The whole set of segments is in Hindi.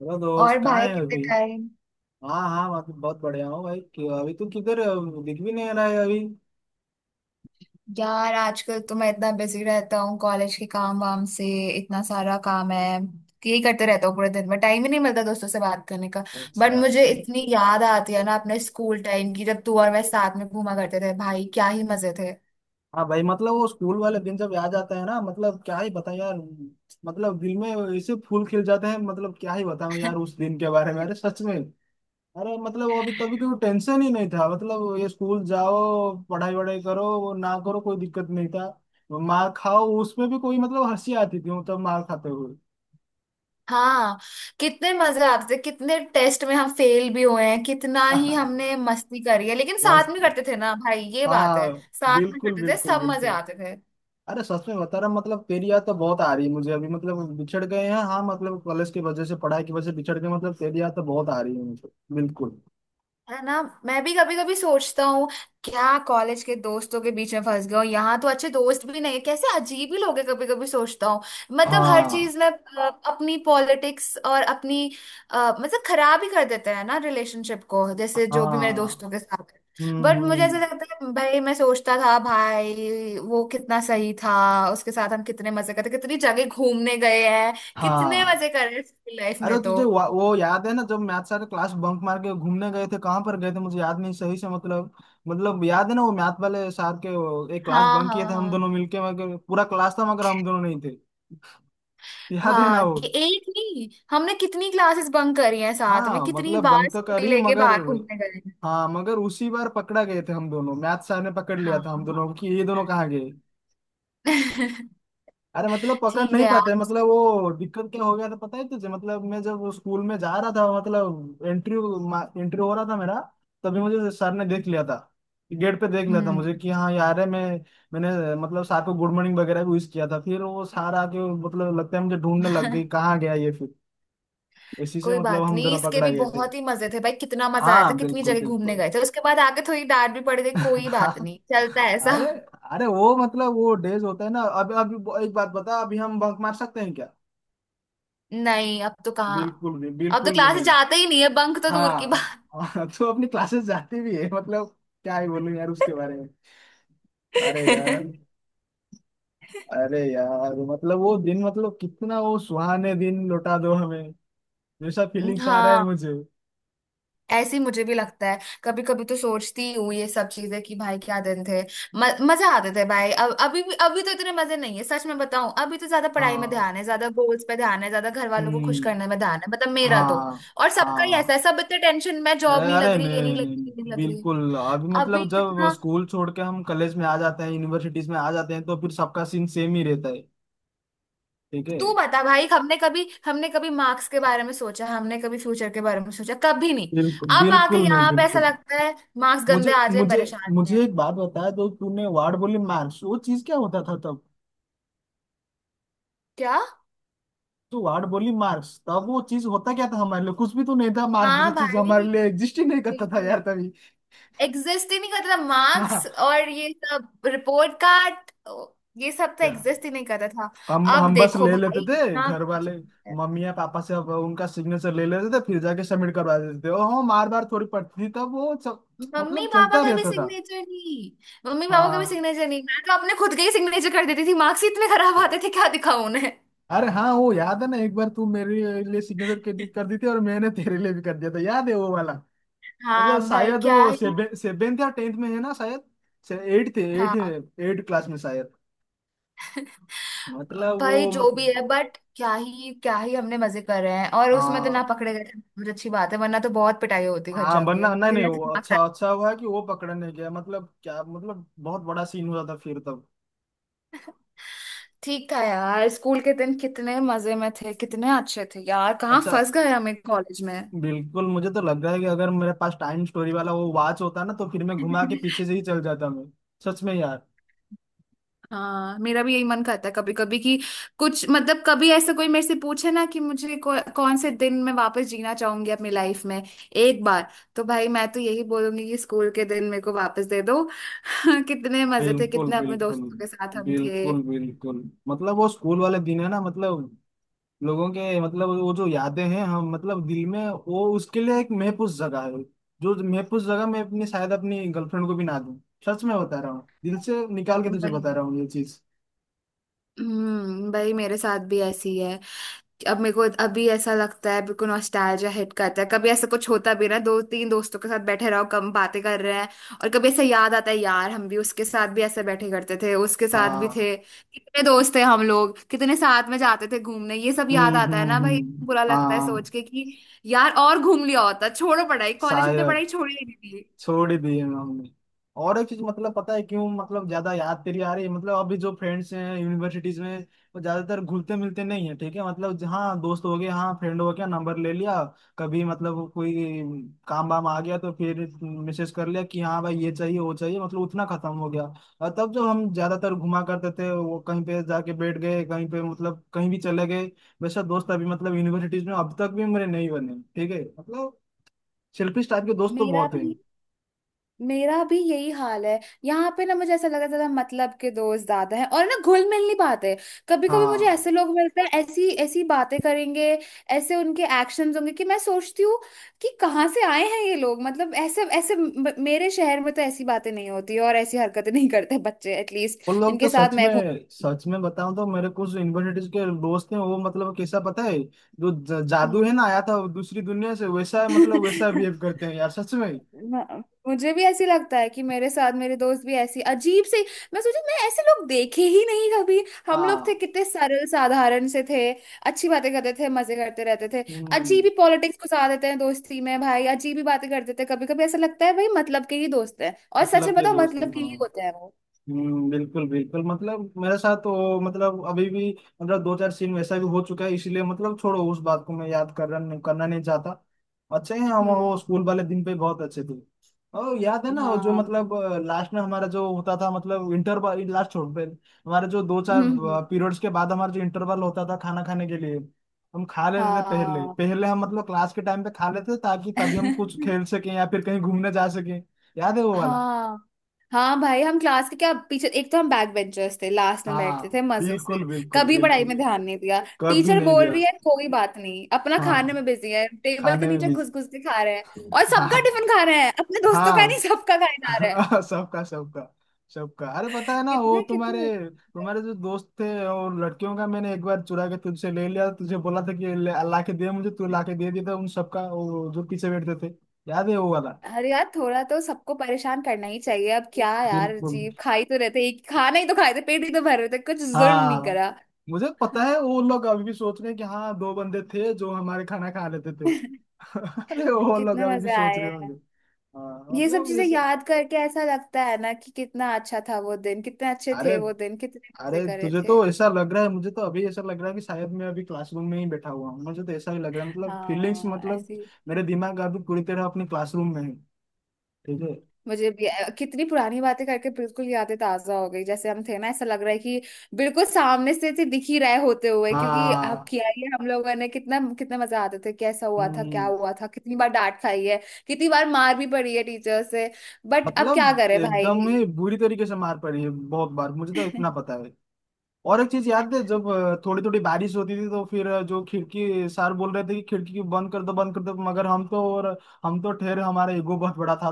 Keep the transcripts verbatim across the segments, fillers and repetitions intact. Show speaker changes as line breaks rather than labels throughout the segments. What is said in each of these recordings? हेलो
और
दोस्त, कहाँ
भाई
है
कितने
अभी?
टाइम।
हाँ, हाँ, मैं तो बहुत बढ़िया हूँ भाई। कि- अभी तू किधर है? दिख भी नहीं रहा है अभी।
यार आजकल तो मैं इतना बिजी रहता हूँ कॉलेज के काम वाम से। इतना सारा काम है कि यही करते रहता हूँ पूरे दिन। में टाइम ही नहीं मिलता दोस्तों से बात करने का। बट
अच्छा।
मुझे इतनी याद आती है ना अपने स्कूल टाइम की, जब तू और मैं साथ में घूमा करते थे। भाई क्या ही मजे थे।
हाँ भाई, मतलब वो स्कूल वाले दिन जब याद आता है ना, मतलब क्या ही बता यार। मतलब दिल में ऐसे फूल खिल जाते हैं, मतलब क्या ही बताऊँ यार उस दिन के बारे में। अरे, सच में। अरे मतलब अभी तभी कोई टेंशन ही नहीं था। मतलब ये स्कूल जाओ, पढ़ाई वढ़ाई करो, वो ना करो, कोई दिक्कत नहीं था। मार खाओ, उसमें भी कोई मतलब हंसी आती थी मतलब मार खाते हुए।
हाँ, कितने मजे आते थे। कितने टेस्ट में हम फेल भी हुए हैं, कितना ही हमने मस्ती करी है, लेकिन
बस।
साथ में करते थे ना भाई, ये बात है।
हाँ।
साथ में
बिल्कुल,
करते थे
बिल्कुल,
सब, मजे
बिल्कुल।
आते थे।
अरे सच में बता रहा हूँ, मतलब तेरी याद तो बहुत आ रही है मुझे अभी। मतलब बिछड़ गए हैं, हाँ, मतलब कॉलेज की वजह से, पढ़ाई की वजह से बिछड़ गए। मतलब तेरी याद तो बहुत आ रही है मुझे। बिल्कुल।
है ना? मैं भी कभी कभी सोचता हूँ, क्या कॉलेज के दोस्तों के बीच में फंस गया हूँ। यहाँ तो अच्छे दोस्त भी नहीं है, कैसे अजीब ही लोग हैं, कभी कभी सोचता हूँ। मतलब हर
हाँ,
चीज में अ, अपनी पॉलिटिक्स और अपनी, अ, मतलब खराब ही कर देते हैं ना रिलेशनशिप को, जैसे जो भी मेरे
हाँ।
दोस्तों के साथ।
हम्म,
बट मुझे ऐसा
हम्म।
लगता है भाई, मैं सोचता था भाई वो कितना सही था। उसके साथ हम कितने मजे करते, कितनी जगह घूमने गए हैं। कितने
हाँ।
मजे कर रहे हैं लाइफ
अरे,
में तो।
तुझे वा- वो याद है ना जब मैथ सारे क्लास बंक मार के घूमने गए थे? कहाँ पर गए थे मुझे याद नहीं सही से, मतलब। मतलब याद है ना वो मैथ वाले सार के, वो एक क्लास
हाँ
बंक किए
हाँ
थे हम
हाँ।
दोनों मिलके, मगर पूरा क्लास था मगर हम दोनों नहीं थे। याद है ना
हाँ
वो?
कि एक नहीं, हमने कितनी क्लासेस बंक करी हैं साथ में,
हाँ
कितनी
मतलब
बार
बंक तो
स्कूटी
करिए
लेके
मगर।
बाहर घूमने गए हैं।
हाँ, मगर उसी बार पकड़ा गए थे हम दोनों। मैथ सर ने पकड़ लिया
हाँ
था हम दोनों
हाँ।
को कि ये दोनों कहाँ गए। अरे मतलब पकड़
ठीक
नहीं
है
पाते,
आज।
मतलब वो दिक्कत क्या हो गया था पता है तुझे? मतलब मैं जब वो स्कूल में जा रहा था, मतलब एंट्री। एंट्री हो रहा था मेरा। तभी मुझे सर ने देख लिया था। गेट पे देख लिया था मुझे
हम्म।
कि हाँ यार, है मैं। मैंने मतलब सर को गुड मॉर्निंग वगैरह भी विश किया था। फिर वो सर आके मतलब लगता है मुझे ढूंढने लग गई कहाँ गया ये फिर। इसी से
कोई
मतलब
बात
हम
नहीं,
दोनों
इसके
पकड़ा
भी
गए थे।
बहुत ही मजे थे भाई। कितना मजा आया था,
हाँ,
कितनी
बिल्कुल,
जगह घूमने
बिल्कुल।
गए थे। उसके बाद आगे थोड़ी डांट भी पड़ गई, कोई बात
हाँ।
नहीं, चलता है
अरे।
सब।
अरे, वो मतलब वो डेज होता है ना, अब अब। एक बात बता, अभी हम बंक मार सकते हैं क्या?
नहीं, अब तो कहाँ।
बिल्कुल भी,
अब तो
बिल्कुल भी
क्लासेस
नहीं।
जाते ही नहीं है, बंक तो दूर की
हाँ,
बात।
हाँ, तो अपनी क्लासेस जाती भी है मतलब। क्या ही बोलूं यार उसके बारे में। अरे यार। अरे यार, मतलब वो दिन, मतलब कितना, वो सुहाने दिन लौटा दो हमें। जैसा
हाँ
फीलिंग्स आ रहा है
हाँ,
मुझे।
ऐसे ही मुझे भी लगता है। कभी कभी तो सोचती ही हूँ ये सब चीजें, कि भाई क्या दिन थे। म, मजा आते थे भाई। अब अभी भी, अभी तो इतने मजे नहीं है सच में बताऊं। अभी तो ज्यादा पढ़ाई में
हाँ।
ध्यान है, ज्यादा गोल्स पे ध्यान है, ज्यादा घर वालों को खुश
हम्म।
करने में ध्यान है, मतलब मेरा तो।
हाँ,
और सबका ही ऐसा
हाँ।
है, सब इतने टेंशन में, जॉब नहीं
अरे,
लग रही, ये नहीं
नहीं,
लग रही,
नहीं।
ये नहीं लग रही।
बिल्कुल। अभी
अभी
मतलब जब
कितना।
स्कूल छोड़ के हम कॉलेज में आ जाते हैं, यूनिवर्सिटीज में आ जाते हैं, तो फिर सबका सीन सेम ही रहता है। ठीक है।
तू बता भाई, हमने कभी, हमने कभी मार्क्स के बारे में सोचा? हमने कभी फ्यूचर के बारे में सोचा? कभी नहीं।
बिल्कुल,
अब आके
बिल्कुल नहीं,
यहाँ पे ऐसा
बिल्कुल।
लगता है मार्क्स
मुझे
गंदे आ जाए
मुझे
परेशानी है।
मुझे एक बात बताया तो तूने वार्ड बोली मार्क्स वो चीज क्या होता था तब?
क्या?
तो वार्ड बोली मार्क्स तब वो चीज होता क्या था हमारे लिए? कुछ भी तो नहीं था। मार्क्स जैसा
हाँ
चीज
भाई,
हमारे लिए एग्जिस्ट ही नहीं करता था
बिल्कुल।
यार तभी।
एग्जिस्ट ही नहीं करता था
हाँ,
मार्क्स,
हाँ।
और ये सब रिपोर्ट कार्ड ये सब तो
क्या?
एग्जिस्ट ही नहीं करता था।
हम
अब
हम बस
देखो
ले लेते
भाई
थे
इतना
घर
कुछ
वाले।
है।
मम्मी या पापा से, अब उनका सिग्नेचर ले लेते थे, फिर जाके सबमिट करवा देते थे, और हम मार बार थोड़ी पड़ती थी तब वो सब।
मम्मी
मतलब
पापा
चलता
का भी
रहता था।
सिग्नेचर नहीं, मम्मी पापा का भी
हाँ,
सिग्नेचर नहीं, मैं तो अपने खुद के ही सिग्नेचर कर देती थी। मार्क्स ही इतने खराब आते थे, क्या दिखाऊं उन्हें।
अरे हाँ, वो याद है ना एक बार तू मेरे लिए सिग्नेचर कर दी कर दी थी, और मैंने तेरे लिए भी कर दिया था, याद है वो वाला? मतलब
हाँ भाई
शायद
क्या
वो
ही।
सेवेंथ या टेंथ में है ना शायद। एट थे, एट।
हाँ
एट क्लास में शायद। मतलब वो
भाई जो भी है,
मतलब।
बट क्या ही, क्या ही हमने मजे कर रहे हैं। और उसमें तो ना
हाँ,
पकड़े गए थे, बहुत अच्छी बात है, वरना तो बहुत पिटाई होती घर
हाँ,
जाके।
बनना नहीं, नहीं वो अच्छा, अच्छा हुआ कि वो पकड़ा नहीं गया, मतलब क्या, मतलब बहुत बड़ा सीन हो जाता फिर तब।
ठीक था यार, स्कूल के दिन कितने मजे में थे, कितने अच्छे थे यार, कहाँ
अच्छा।
फंस गए हम एक कॉलेज में।
बिल्कुल। मुझे तो लग रहा है कि अगर मेरे पास टाइम स्टोरी वाला वो वॉच होता ना, तो फिर मैं घुमा के पीछे से ही चल जाता मैं। सच में यार।
हाँ, मेरा भी यही मन करता है कभी कभी कि कुछ, मतलब कभी ऐसा कोई मेरे से पूछे ना कि मुझे कौ, कौन से दिन मैं वापस जीना चाहूंगी अपनी लाइफ में एक बार, तो भाई मैं तो यही बोलूंगी कि स्कूल के दिन मेरे को वापस दे दो। कितने मजे थे,
बिल्कुल,
कितने अपने
बिल्कुल,
दोस्तों के साथ हम थे।
बिल्कुल, बिल्कुल। मतलब वो स्कूल वाले दिन है ना, मतलब। लोगों के मतलब वो जो यादें हैं हम मतलब दिल में। वो उसके लिए एक महफूज जगह है। जो महफूज जगह मैं अपनी शायद अपनी गर्लफ्रेंड को भी ना दूं। सच में बता रहा हूँ, दिल से निकाल के तुझे बता
वही।
रहा हूँ ये चीज।
हम्म, भाई मेरे साथ भी ऐसी है। अब मेरे को अभी ऐसा लगता है, बिल्कुल नॉस्टैल्जिया हिट करता है। कभी ऐसा कुछ होता भी ना, दो तीन दोस्तों के साथ बैठे रहो, कम बातें कर रहे हैं। और कभी ऐसा याद आता है, यार हम भी उसके साथ भी ऐसे बैठे करते थे, उसके साथ भी
हाँ।
थे, कितने दोस्त थे हम लोग, कितने साथ में जाते थे घूमने, ये सब याद
हम्म,
आता है
हम्म,
ना भाई,
हम्म।
बुरा लगता है सोच
हाँ।
के कि यार और घूम लिया होता, छोड़ो पढ़ाई, कॉलेज में तो
शायद।
पढ़ाई छोड़ी ही नहीं थी।
छोड़ ही दिए हमने। और एक चीज मतलब, पता है क्यों मतलब ज्यादा याद तेरी आ रही है? मतलब अभी जो फ्रेंड्स हैं यूनिवर्सिटीज में, वो ज्यादातर घुलते मिलते नहीं है, ठीक है मतलब, हाँ दोस्त हो गए, हाँ फ्रेंड हो गया, नंबर ले लिया। कभी मतलब कोई काम वाम आ गया, तो फिर मैसेज कर लिया कि हाँ भाई ये चाहिए वो चाहिए, मतलब उतना खत्म हो गया। और तब जब हम ज्यादातर घुमा करते थे, वो कहीं पे जाके बैठ गए, कहीं पे मतलब कहीं भी चले गए। वैसा दोस्त अभी मतलब यूनिवर्सिटीज में अब तक भी मेरे नहीं बने, ठीक है मतलब। सेल्फिश टाइप के दोस्त तो
मेरा
बहुत हैं।
भी मेरा भी यही हाल है। यहाँ पे ना मुझे ऐसा लगा था, मतलब के दोस्त ज्यादा हैं और ना घुल मिल नहीं पाते। कभी कभी मुझे
हाँ।
ऐसे लोग मिलते हैं, ऐसी ऐसी बातें करेंगे, ऐसे उनके एक्शंस होंगे कि मैं सोचती हूँ कि कहाँ से आए हैं ये लोग। मतलब ऐसे ऐसे म- मेरे शहर में तो ऐसी बातें नहीं होती और ऐसी हरकतें नहीं करते बच्चे, एटलीस्ट
वो लोग तो,
जिनके साथ
सच
मैं घूम।
में सच में बताऊं तो, मेरे कुछ यूनिवर्सिटीज के दोस्त हैं वो मतलब कैसा पता है। जो ज- जादू
हम्म।
है ना आया था दूसरी दुनिया से, वैसा मतलब वैसा बिहेव करते हैं यार, सच में।
म- मुझे भी ऐसी लगता है कि मेरे साथ, मेरे दोस्त भी ऐसी अजीब से। मैं सोची मैं ऐसे लोग देखे ही नहीं कभी। हम लोग थे
हाँ,
कितने सरल साधारण से थे, अच्छी बातें करते थे, मजे करते रहते थे।
हम्म।
अजीब ही पॉलिटिक्स घुसा देते हैं दोस्ती में भाई, अजीब ही बातें करते थे। कभी कभी ऐसा लगता है भाई, मतलब के ही दोस्त हैं, और सच
मतलब
में
के
बताओ
दोस्त हैं,
मतलब के
हाँ।
ही होते हैं वो।
हम्म, बिल्कुल, बिल्कुल। मतलब मेरे साथ तो मतलब अभी भी। मतलब दो चार सीन वैसा भी हो चुका है, इसीलिए मतलब छोड़ो उस बात को, मैं याद करना करना नहीं चाहता। अच्छे हैं हम, वो
हम्म।
स्कूल वाले दिन पे बहुत अच्छे थे। और याद है ना वो जो
हाँ।
मतलब लास्ट में हमारा जो होता था मतलब इंटरवल, लास्ट छोड़ पे हमारे जो दो चार
हम्म।
पीरियड्स के बाद हमारा जो इंटरवल होता था खाना खाने के लिए। हम खा लेते थे पहले,
हाँ।
पहले हम मतलब क्लास के टाइम पे खा लेते थे ताकि तभी हम कुछ खेल सकें या फिर कहीं घूमने जा सकें। याद है वो वाला?
हाँ। हाँ भाई, हम क्लास के क्या पीछे, एक तो हम बैक बेंचर्स थे, लास्ट में बैठते थे
हाँ,
मजे से।
बिल्कुल, बिल्कुल,
कभी पढ़ाई
बिल्कुल।
में ध्यान नहीं दिया।
कब भी
टीचर
नहीं
बोल
दिया।
रही है कोई बात नहीं, अपना खाने
हाँ,
में बिजी है, टेबल के
खाने में
नीचे
भी।
घुस घुस के खा रहे हैं। और
हाँ,
सबका टिफिन खा रहे हैं, अपने दोस्तों का नहीं,
हाँ,
सबका खाए खा रहे हैं।
हाँ, सबका सबका। सबका। अरे पता है ना वो
कितने
तुम्हारे
कितने।
तुम्हारे जो दोस्त थे और लड़कियों का, मैंने एक बार चुरा के तुझसे ले लिया, तुझे बोला था कि ले- ला के दे मुझे, तू ला के दे दिया था उन सबका, वो जो पीछे बैठते थे। याद है वो वाला?
अरे यार थोड़ा तो सबको परेशान करना ही चाहिए, अब क्या यार
बिल्कुल।
अजीब, खा ही तो रहते, एक खाना ही तो खाए थे, पेट ही तो भर रहे थे, कुछ जुर्म नहीं
हाँ,
करा।
मुझे पता है वो लोग अभी भी सोच रहे हैं कि हाँ दो बंदे थे जो हमारे खाना खा लेते थे। अरे, वो लोग
कितने
अभी भी
मजे
सोच
आए।
रहे होंगे। हाँ
ये सब
मतलब
चीजें
जैसे।
याद करके ऐसा लगता है ना कि कितना अच्छा था वो दिन, कितने अच्छे
अरे,
थे वो दिन, कितने
अरे,
मजे करे
तुझे तो
थे।
ऐसा लग रहा है, मुझे तो अभी ऐसा लग रहा है कि शायद मैं अभी क्लासरूम में ही बैठा हुआ हूँ, मुझे तो ऐसा ही लग रहा है मतलब, फीलिंग्स
हाँ
मतलब।
ऐसी,
मेरे दिमाग अभी पूरी तरह अपनी क्लासरूम में है। ठीक है।
मुझे भी। कितनी पुरानी बातें करके बिल्कुल यादें ताजा हो गई, जैसे हम थे ना, ऐसा लग रहा है कि बिल्कुल सामने से थे, दिख ही रहे होते हुए, क्योंकि अब
हाँ,
किया ही है हम लोगों ने कितना, कितना मजा आते थे, कैसा हुआ था, क्या
हम्म।
हुआ था, कितनी बार डांट खाई है, कितनी बार मार भी पड़ी है टीचर से, बट अब क्या
मतलब
करे
एकदम
भाई।
ही बुरी तरीके से मार पड़ी है बहुत बार, मुझे तो इतना पता है। और एक चीज याद है जब थोड़ी थोड़ी बारिश होती थी, तो फिर अ, जो खिड़की सर बोल रहे थे कि खिड़की की बंद कर दो, बंद कर दो, मगर हम तो, और। हम तो ठहरे, हमारा ईगो बहुत बड़ा था।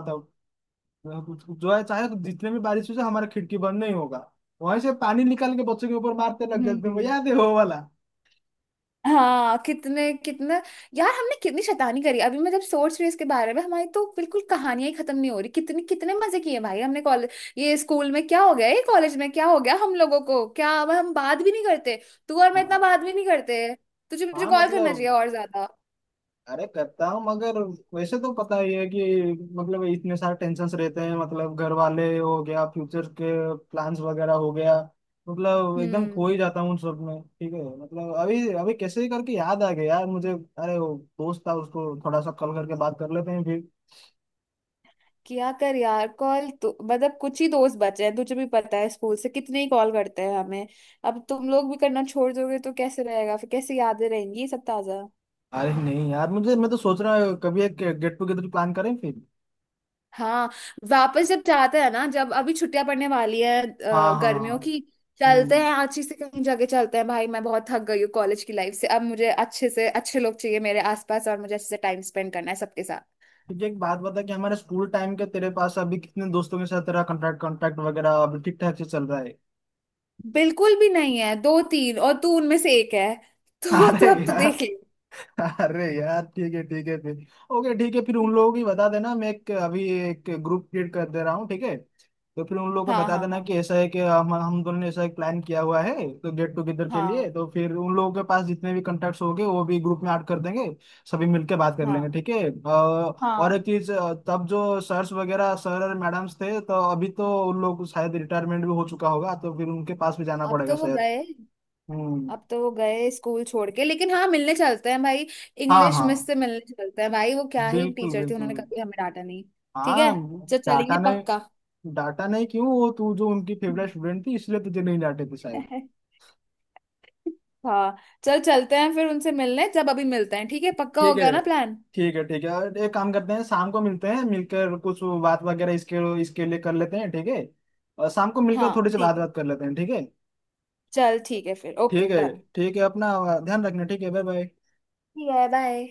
जो है, चाहे तो जितने भी बारिश हो जाए, हमारा खिड़की बंद नहीं होगा। वहीं से पानी निकाल के बच्चों के ऊपर मारते लग जाते हैं, वो
हम्म।
याद है वो वाला?
हाँ कितने कितने। यार हमने कितनी शैतानी करी, अभी मैं जब सोच रही हूँ इसके बारे में हमारी तो बिल्कुल कहानियां ही खत्म नहीं हो रही, कितने कितने मजे किए भाई हमने कॉलेज। ये स्कूल में क्या हो गया, ये कॉलेज में क्या हो गया हम लोगों को, क्या अब हम बात भी नहीं करते। तू और मैं इतना
हाँ,
बात भी नहीं करते। तुझे मुझे
हाँ,
कॉल करना चाहिए
मतलब।
और ज्यादा।
अरे करता हूँ मगर। वैसे तो पता ही है कि। मतलब इतने सारे टेंशन्स रहते हैं, मतलब घर वाले हो गया, फ्यूचर के प्लान्स वगैरह हो गया। मतलब एकदम
हम्म।
खो ही जाता हूँ उन सब में, ठीक है मतलब। अभी अभी कैसे ही करके याद आ गया यार मुझे, अरे वो दोस्त था, उसको थोड़ा सा कॉल करके बात कर लेते हैं फिर।
क्या कर यार, कॉल तो मतलब कुछ ही दोस्त बचे हैं, तुझे भी पता है स्कूल से, कितने ही कॉल करते हैं हमें। अब तुम लोग भी करना छोड़ दोगे तो कैसे रहेगा, फिर कैसे यादें रहेंगी ये सब ताजा।
अरे नहीं यार, मुझे, मैं तो सोच रहा हूँ कभी एक गेट टुगेदर प्लान करें फिर।
हाँ, वापस जब जाते हैं ना, जब अभी छुट्टियां पड़ने वाली है अ,
हाँ, हाँ, हाँ।
गर्मियों की, चलते
हम्म।
हैं अच्छी से कहीं जगह, चलते हैं भाई। मैं बहुत थक गई हूँ कॉलेज की लाइफ से, अब मुझे अच्छे से अच्छे लोग चाहिए मेरे आसपास, और मुझे अच्छे से टाइम स्पेंड करना है सबके साथ।
तुझे एक बात बता कि हमारे स्कूल टाइम के तेरे पास अभी कितने दोस्तों के साथ तेरा कांटेक्ट, कांटेक्ट वगैरह अभी ठीक ठाक से चल रहा है?
बिल्कुल भी नहीं है, दो तीन, और तू उनमें से एक है। तो तू
अरे
अब तू देख ले।
यार। अरे यार, ठीक है, ठीक है फिर। ओके, ठीक है फिर। उन लोगों की बता देना, मैं एक अभी एक ग्रुप क्रिएट कर दे रहा हूँ ठीक है। तो फिर उन लोगों को
हाँ
बता
हाँ
देना
हाँ।
कि ऐसा है कि हम हम दोनों ने ऐसा एक प्लान किया हुआ है तो गेट टुगेदर के लिए,
हाँ
तो फिर उन लोगों के पास जितने भी कॉन्टेक्ट्स होंगे वो भी ग्रुप में ऐड कर देंगे। सभी मिलके बात कर
हाँ
लेंगे ठीक है। अ, और
हाँ।
एक चीज, अ, तब जो सर्स वगैरह, सर और मैडम्स थे, तो अभी तो उन लोग को शायद रिटायरमेंट भी हो चुका होगा, तो फिर उनके पास भी जाना
अब
पड़ेगा
तो वो
शायद।
गए,
हम्म।
अब तो वो गए स्कूल छोड़ के, लेकिन हाँ मिलने चलते हैं भाई,
हाँ,
इंग्लिश मिस
हाँ,
से मिलने चलते हैं भाई, वो क्या ही
बिल्कुल,
टीचर थी,
बिल्कुल,
उन्होंने
बिल्कुल।
कभी हमें डांटा नहीं। ठीक है,
हाँ।
चल
डाटा
चलेंगे
नहीं।
पक्का।
डाटा नहीं क्यों, वो तू जो उनकी फेवरेट स्टूडेंट थी इसलिए तुझे नहीं डांटे थे शायद।
हाँ, चल चलते हैं फिर उनसे मिलने, जब अभी मिलते हैं, ठीक है पक्का हो
ठीक है।
गया ना प्लान।
ठीक है, ठीक है, और एक काम करते हैं शाम को मिलते हैं, मिलकर कुछ बात वगैरह इसके इसके लिए कर लेते हैं ठीक है। और शाम को मिलकर थोड़ी
हाँ
सी बात
ठीक है,
बात कर लेते हैं ठीक है।
चल ठीक है फिर, ओके
ठीक है।
डन।
ठीक है, अपना ध्यान रखना ठीक है। Bye, bye.
ठीक है बाय।